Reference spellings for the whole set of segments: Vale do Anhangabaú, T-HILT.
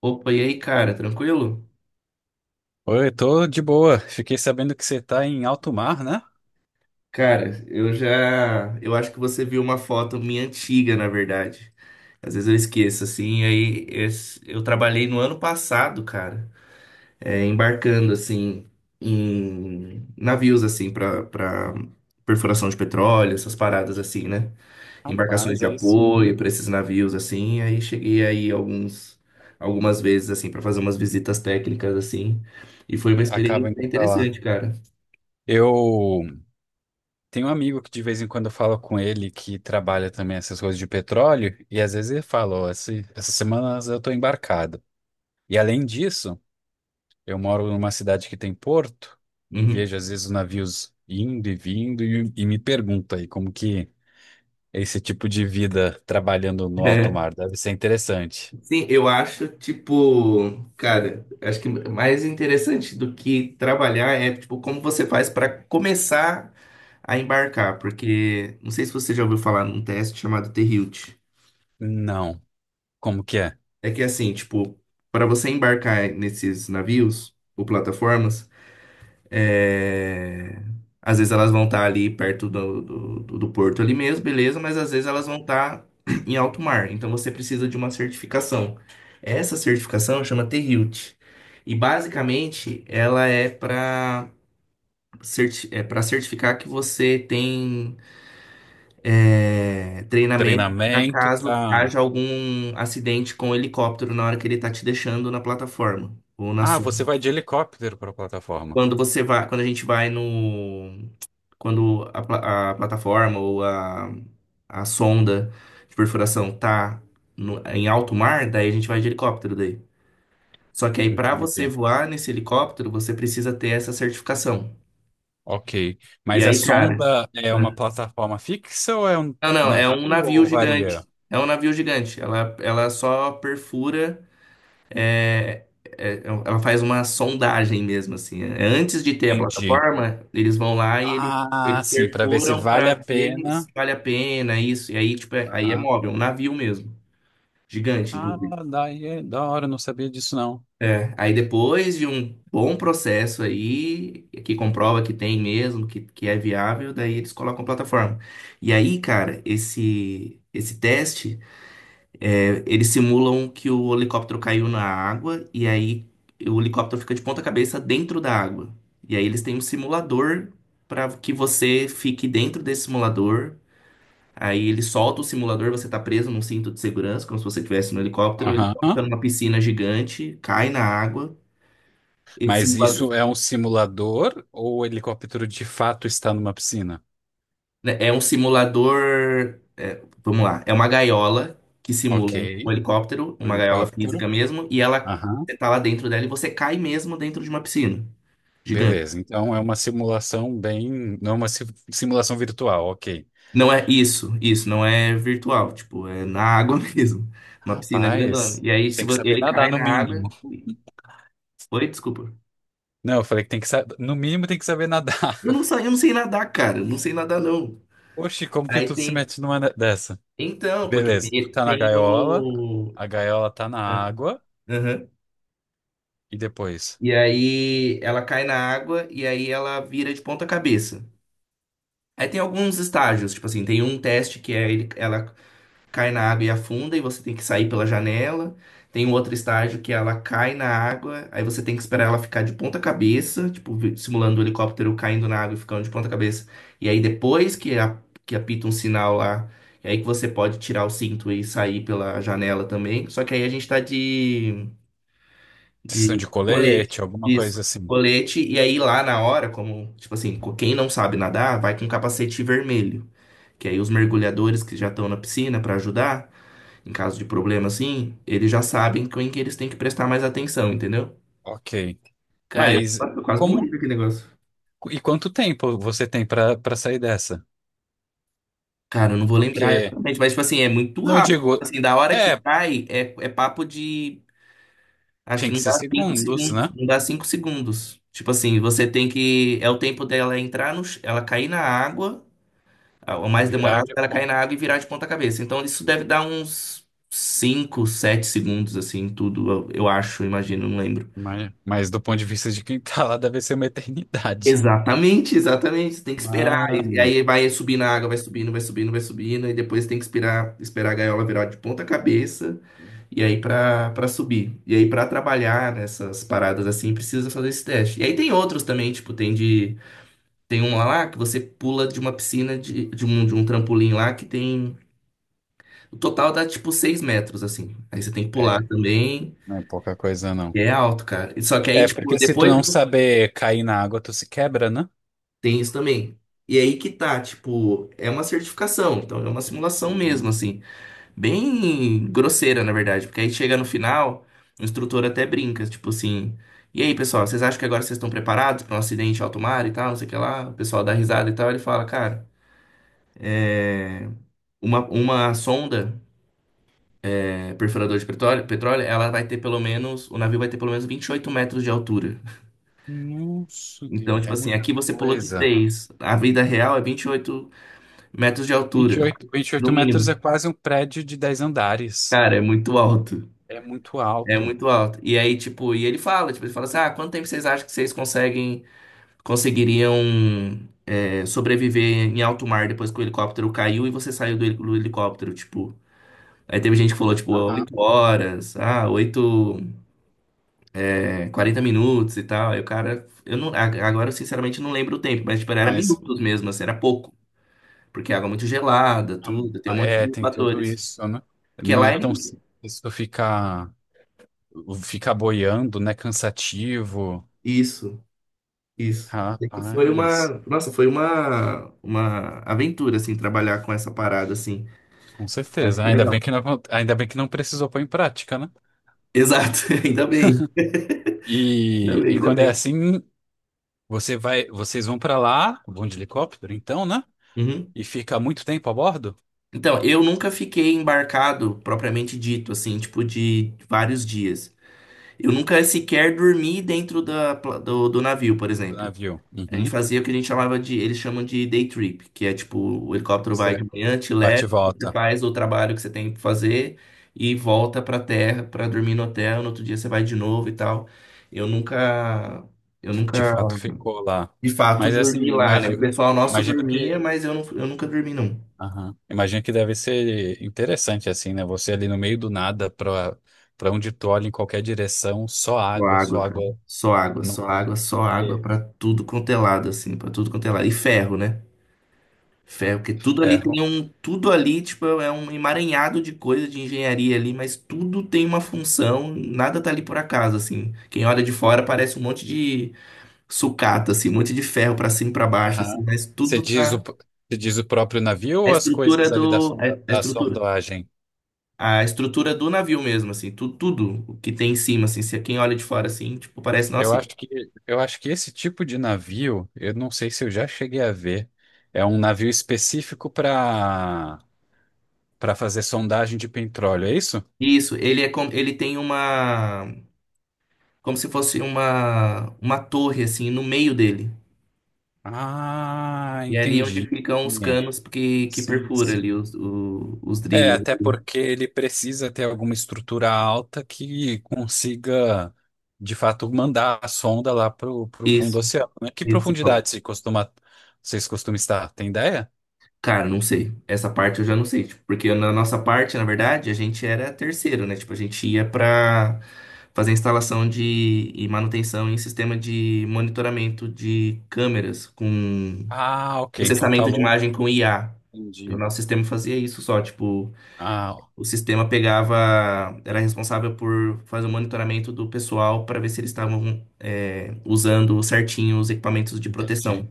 Opa, e aí, cara, tranquilo? Oi, tô de boa. Fiquei sabendo que você tá em alto mar, né? Cara, eu já. Eu acho que você viu uma foto minha antiga, na verdade. Às vezes eu esqueço, assim. Eu trabalhei no ano passado, cara, embarcando, assim, em navios, assim, pra perfuração de petróleo, essas paradas, assim, né? Embarcações Rapaz, de aí apoio sim. pra esses navios, assim. Aí cheguei aí alguns, Algumas vezes, assim, pra fazer umas visitas técnicas, assim. E foi uma Acaba experiência indo pra lá. interessante, cara. Eu tenho um amigo que de vez em quando eu falo com ele que trabalha também essas coisas de petróleo, e às vezes ele fala, ó, essas semanas eu tô embarcado. E além disso, eu moro numa cidade que tem porto e Uhum. vejo às vezes os navios indo e vindo e me pergunta aí como que é esse tipo de vida trabalhando no alto mar deve ser interessante. Sim, eu acho, tipo, cara, acho que mais interessante do que trabalhar é, tipo, como você faz para começar a embarcar, porque não sei se você já ouviu falar num teste chamado T-HILT. Não, como que é? É que assim, tipo, para você embarcar nesses navios ou plataformas. É. Às vezes elas vão estar ali perto do porto ali mesmo, beleza, mas às vezes elas vão estar em alto mar. Então você precisa de uma certificação. Essa certificação chama T-Hilt. E basicamente ela é para certificar que você tem treinamento para Treinamento caso para. haja algum acidente com o helicóptero na hora que ele tá te deixando na plataforma ou na Ah, você sonda. vai de helicóptero para a plataforma. Quando você vai, quando a gente vai no A plataforma ou a sonda de perfuração tá em alto mar, daí a gente vai de helicóptero daí. Só que aí para você Entendi. voar nesse helicóptero, você precisa ter essa certificação. Ok. E Mas a aí, cara, sonda é uma plataforma fixa ou é um não, não, é navio um navio ou varia? gigante. É um navio gigante. Ela só perfura. É, Ela faz uma sondagem mesmo, assim. Antes de ter a Entendi. plataforma, eles vão lá e eles, Ah, eles sim, para ver se perfuram vale a para ver se pena. vale a pena isso. E aí, tipo, aí é Aham. móvel, um navio mesmo. Gigante, Ah, inclusive. daí é da hora, eu não sabia disso não. É, aí depois de um bom processo aí, que comprova que tem mesmo, que é viável, daí eles colocam plataforma. E aí, cara, esse teste. Eles simulam que o helicóptero caiu na água e aí o helicóptero fica de ponta cabeça dentro da água. E aí eles têm um simulador para que você fique dentro desse simulador. Aí ele solta o simulador, você tá preso num cinto de segurança, como se você estivesse no helicóptero. Ele Aham. solta numa piscina gigante, cai na água. Esse Mas simulador, isso é um simulador ou o helicóptero de fato está numa piscina? né, é um simulador. Vamos lá, é uma gaiola que Ok. simula um helicóptero, O uma gaiola helicóptero. física mesmo, e ela Aham. você tá lá dentro dela e você cai mesmo dentro de uma piscina. Gigante. Beleza, então é uma simulação bem. Não é uma simulação virtual, ok. Não é isso, isso não é virtual, tipo, é na água mesmo. Uma piscina grandona. Rapaz, E aí, se tem que vo- saber ele nadar cai no na água. mínimo. Oi, desculpa. Não, eu falei que tem que saber. No mínimo tem que saber nadar. Eu não sei nadar, cara. Eu não sei nadar, não. Oxi, como que Aí tu se tem. mete numa dessa? Então, porque Beleza, tu tem, tá na tem gaiola, o. a gaiola tá na ah, água, Aham. e depois? E aí ela cai na água e aí ela vira de ponta cabeça. Aí tem alguns estágios, tipo assim, tem um teste que é ela cai na água e afunda, e você tem que sair pela janela. Tem um outro estágio que ela cai na água, aí você tem que esperar ela ficar de ponta cabeça, tipo, simulando o helicóptero caindo na água e ficando de ponta cabeça. E aí depois que, que apita um sinal lá, é aí que você pode tirar o cinto e sair pela janela também. Só que aí a gente tá de, Vocês estão de de colete. colete, alguma Isso. coisa assim. Colete, e aí lá na hora, como, tipo assim, quem não sabe nadar, vai com capacete vermelho. Que aí os mergulhadores que já estão na piscina para ajudar, em caso de problema assim, eles já sabem com que eles têm que prestar mais atenção, entendeu? Ok. Cara, eu, Mas eu quase morri como. com aquele negócio. E quanto tempo você tem pra sair dessa? Cara, eu não vou lembrar Porque. exatamente, mas tipo assim, é muito Não, eu rápido. digo. Assim, da hora que É, cai, é papo de. Acho que tem não que dá ser cinco segundos, segundos. né? Não dá 5 segundos. Tipo assim, você tem que. É o tempo dela entrar no. Ela cair na água. Ah, o mais Virar demorado de é ela cair na água e virar de ponta cabeça. Então isso deve dar uns 5 7 segundos, assim, tudo, eu acho, imagino, não lembro. mas do ponto de vista de quem tá lá, deve ser uma eternidade. Exatamente, exatamente. Você tem que esperar. E Mano. aí vai subir na água, vai subindo, vai subindo, vai subindo. E depois tem que esperar, esperar a gaiola virar de ponta cabeça. E aí pra subir. E aí pra trabalhar nessas paradas assim, precisa fazer esse teste. E aí tem outros também, tipo, tem de. Tem um lá que você pula de uma piscina de um trampolim lá que tem. O total dá tipo 6 metros, assim. Aí você tem que pular É, também. não é pouca coisa, não. E é alto, cara. Só que aí, É, tipo, porque se tu depois não saber cair na água, tu se quebra, né? tem isso também. E aí que tá, tipo, é uma certificação. Então é uma simulação mesmo, Uhum. assim. Bem grosseira, na verdade. Porque aí chega no final, o instrutor até brinca, tipo assim. E aí, pessoal, vocês acham que agora vocês estão preparados para um acidente alto mar e tal, não sei o que lá? O pessoal dá risada e tal. Ele fala, cara, uma sonda, perfurador de petróleo, petróleo, ela vai ter pelo menos, o navio vai ter pelo menos 28 metros de altura. Nossa, Então, Deus, tipo é assim, muita aqui você pulou de coisa. 6. A vida real é 28 metros de Vinte vinte e altura, oito, vinte e no oito metros é mínimo. quase um prédio de 10 andares. Cara, é muito alto. É muito É alto. muito alto. E aí, tipo, e ele fala, tipo, ele fala assim: "Ah, quanto tempo vocês acham que vocês conseguem conseguiriam sobreviver em alto mar depois que o helicóptero caiu e você saiu do helicóptero, tipo?" Aí teve gente que falou, tipo, Aham. 8 horas, 40 minutos e tal. Aí o cara, eu não, a- agora eu sinceramente não lembro o tempo, mas, tipo, era Mas minutos mesmo, assim, era pouco. Porque é água muito gelada, tudo, tem um monte é, de tem tudo fatores. isso, né? Porque Não é lá tão em... simples tu ficar, ficar boiando, né? Cansativo. Isso, isso. É que foi uma, Rapaz. nossa, foi uma aventura, assim, trabalhar com essa parada, assim. Com Mas certeza. foi Ainda bem legal. que não, ainda bem que não precisou pôr em prática, né? Exato, ainda bem, ainda E, bem, e ainda quando é bem. assim, você vai, vocês vão pra lá, vão de helicóptero, então, né? Uhum. E fica muito tempo a bordo Então, eu nunca fiquei embarcado, propriamente dito, assim, tipo, de vários dias. Eu nunca sequer dormi dentro do navio, por do exemplo. navio. A gente Uhum. fazia o que a gente chamava de, eles chamam de day trip, que é tipo, o helicóptero vai de Você manhã, te bate e leva, você volta. faz o trabalho que você tem que fazer e volta pra terra pra dormir no hotel, no outro dia você vai de novo e tal. Eu nunca, eu De nunca, fato, ficou lá. de fato, Mas assim, dormi lá, né? O imagina, pessoal nosso imagino dormia, que, mas eu, não, eu nunca dormi, não. aham. Imagino que deve ser interessante assim, né? Você ali no meio do nada, pra para onde tu olha em qualquer direção, só Só água, só água, cara. água. Só água, Não, só água, só água vê pra tudo quanto é lado, assim, pra tudo quanto é lado. E ferro, né? Ferro, porque tudo ali terra. tem um, tudo ali, tipo, é um emaranhado de coisa de engenharia ali, mas tudo tem uma função, nada tá ali por acaso, assim. Quem olha de fora parece um monte de sucata, assim, um monte de ferro pra cima e pra baixo, assim, Aham. mas tudo tá. Você diz o próprio navio A ou as estrutura coisas ali do. da, A sonda, a da estrutura. sondagem? A estrutura do navio mesmo, assim, tudo, tudo o que tem em cima, assim, se quem olha de fora, assim, tipo, parece, Eu nossa. acho que, eu acho que esse tipo de navio, eu não sei se eu já cheguei a ver, é um navio específico para fazer sondagem de petróleo, é isso? Isso, ele é como, ele tem uma, como se fosse uma torre, assim, no meio dele. Ah, E é ali onde entendi. ficam os canos que Sim, perfura ali sim. Os É, drillers. até porque ele precisa ter alguma estrutura alta que consiga, de fato, mandar a sonda lá pro fundo do Isso, oceano, né? Que isso. profundidade se costuma, vocês costumam estar? Tem ideia? Cara, não sei. Essa parte eu já não sei. Tipo, porque na nossa parte, na verdade, a gente era terceiro, né? Tipo, a gente ia pra fazer instalação de, e manutenção em sistema de monitoramento de câmeras com Ah, ok. Então tá processamento de longe. imagem com IA. O Entendi. nosso sistema fazia isso só, tipo. Ah, ó, O sistema pegava, era responsável por fazer o monitoramento do pessoal para ver se eles estavam usando certinho os equipamentos de proteção. entendi.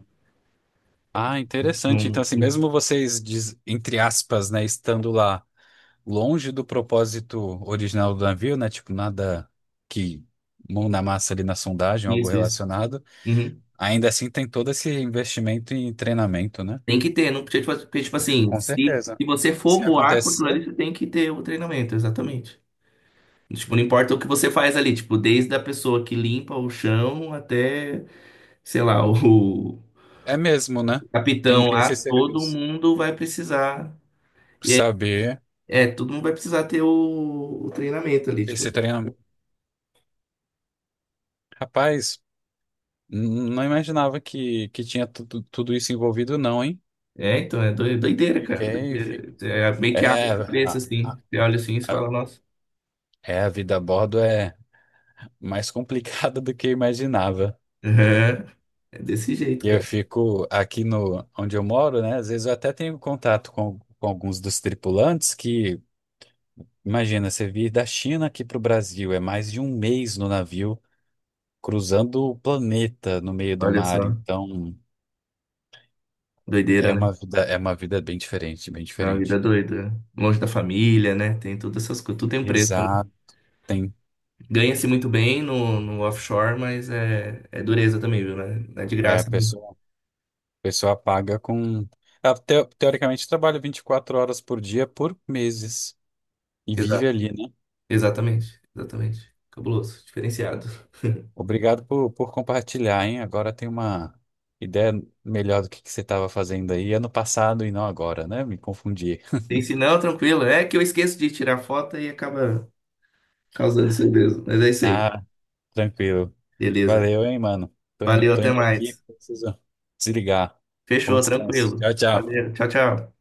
Ah, Então, Tinha interessante. Então, um- assim, tinha um- mesmo vocês, diz- entre aspas, né, estando lá longe do propósito original do navio, né? Tipo, nada que mão na massa ali na sondagem, algo Isso, isso. relacionado. Uhum. Ainda assim, tem todo esse investimento em treinamento, né? Tem que ter, não podia, tipo porque, tipo assim, Com se, certeza. se você for Se voar com aquilo acontecer, ali, você tem que ter o treinamento, exatamente. Tipo, não importa o que você faz ali, tipo, desde a pessoa que limpa o chão até, sei lá, o é mesmo, né? Tem, capitão tem lá, esse todo serviço. mundo vai precisar. Saber É, todo mundo vai precisar ter o treinamento ali, tipo. esse treinamento. Rapaz, n- não imaginava que tinha tudo, tudo isso envolvido, não, hein? É, então, é doideira, cara. Fiquei. Fi- Doideira. É meio que abre É, a a, cabeça, assim. a- Você olha assim e você a- fala, nossa. é, a vida a bordo é mais complicada do que eu imaginava. É, é desse jeito, E eu cara. fico aqui no, onde eu moro, né? Às vezes eu até tenho contato com alguns dos tripulantes que. Imagina, você vir da China aqui para o Brasil, é mais de um mês no navio, cruzando o planeta no meio do Olha mar. só. Então, Doideira, né? É uma vida bem diferente, bem É uma vida diferente. doida. Longe da família, né? Tem todas essas coisas. Tudo tem um preço, né? Exato. Tem. Ganha-se muito bem no offshore, mas é dureza também, viu, né? Não é de É, graça. A pessoa paga com. Ela teoricamente, trabalha 24 horas por dia por meses e vive Exato. ali, né? Exatamente. Exatamente. Cabuloso. Diferenciado. Obrigado por compartilhar, hein? Agora tem uma ideia melhor do que você estava fazendo aí ano passado e não agora, né? Me confundi. Tem se não, tranquilo. É que eu esqueço de tirar foto e acaba causando isso mesmo. Mas é isso aí. Ah. Tranquilo. Beleza. Valeu, hein, mano. Tô, Valeu, tô até indo aqui, mais. preciso desligar. Bom Fechou, descanso. tranquilo. Tchau, tchau. Valeu, tchau, tchau.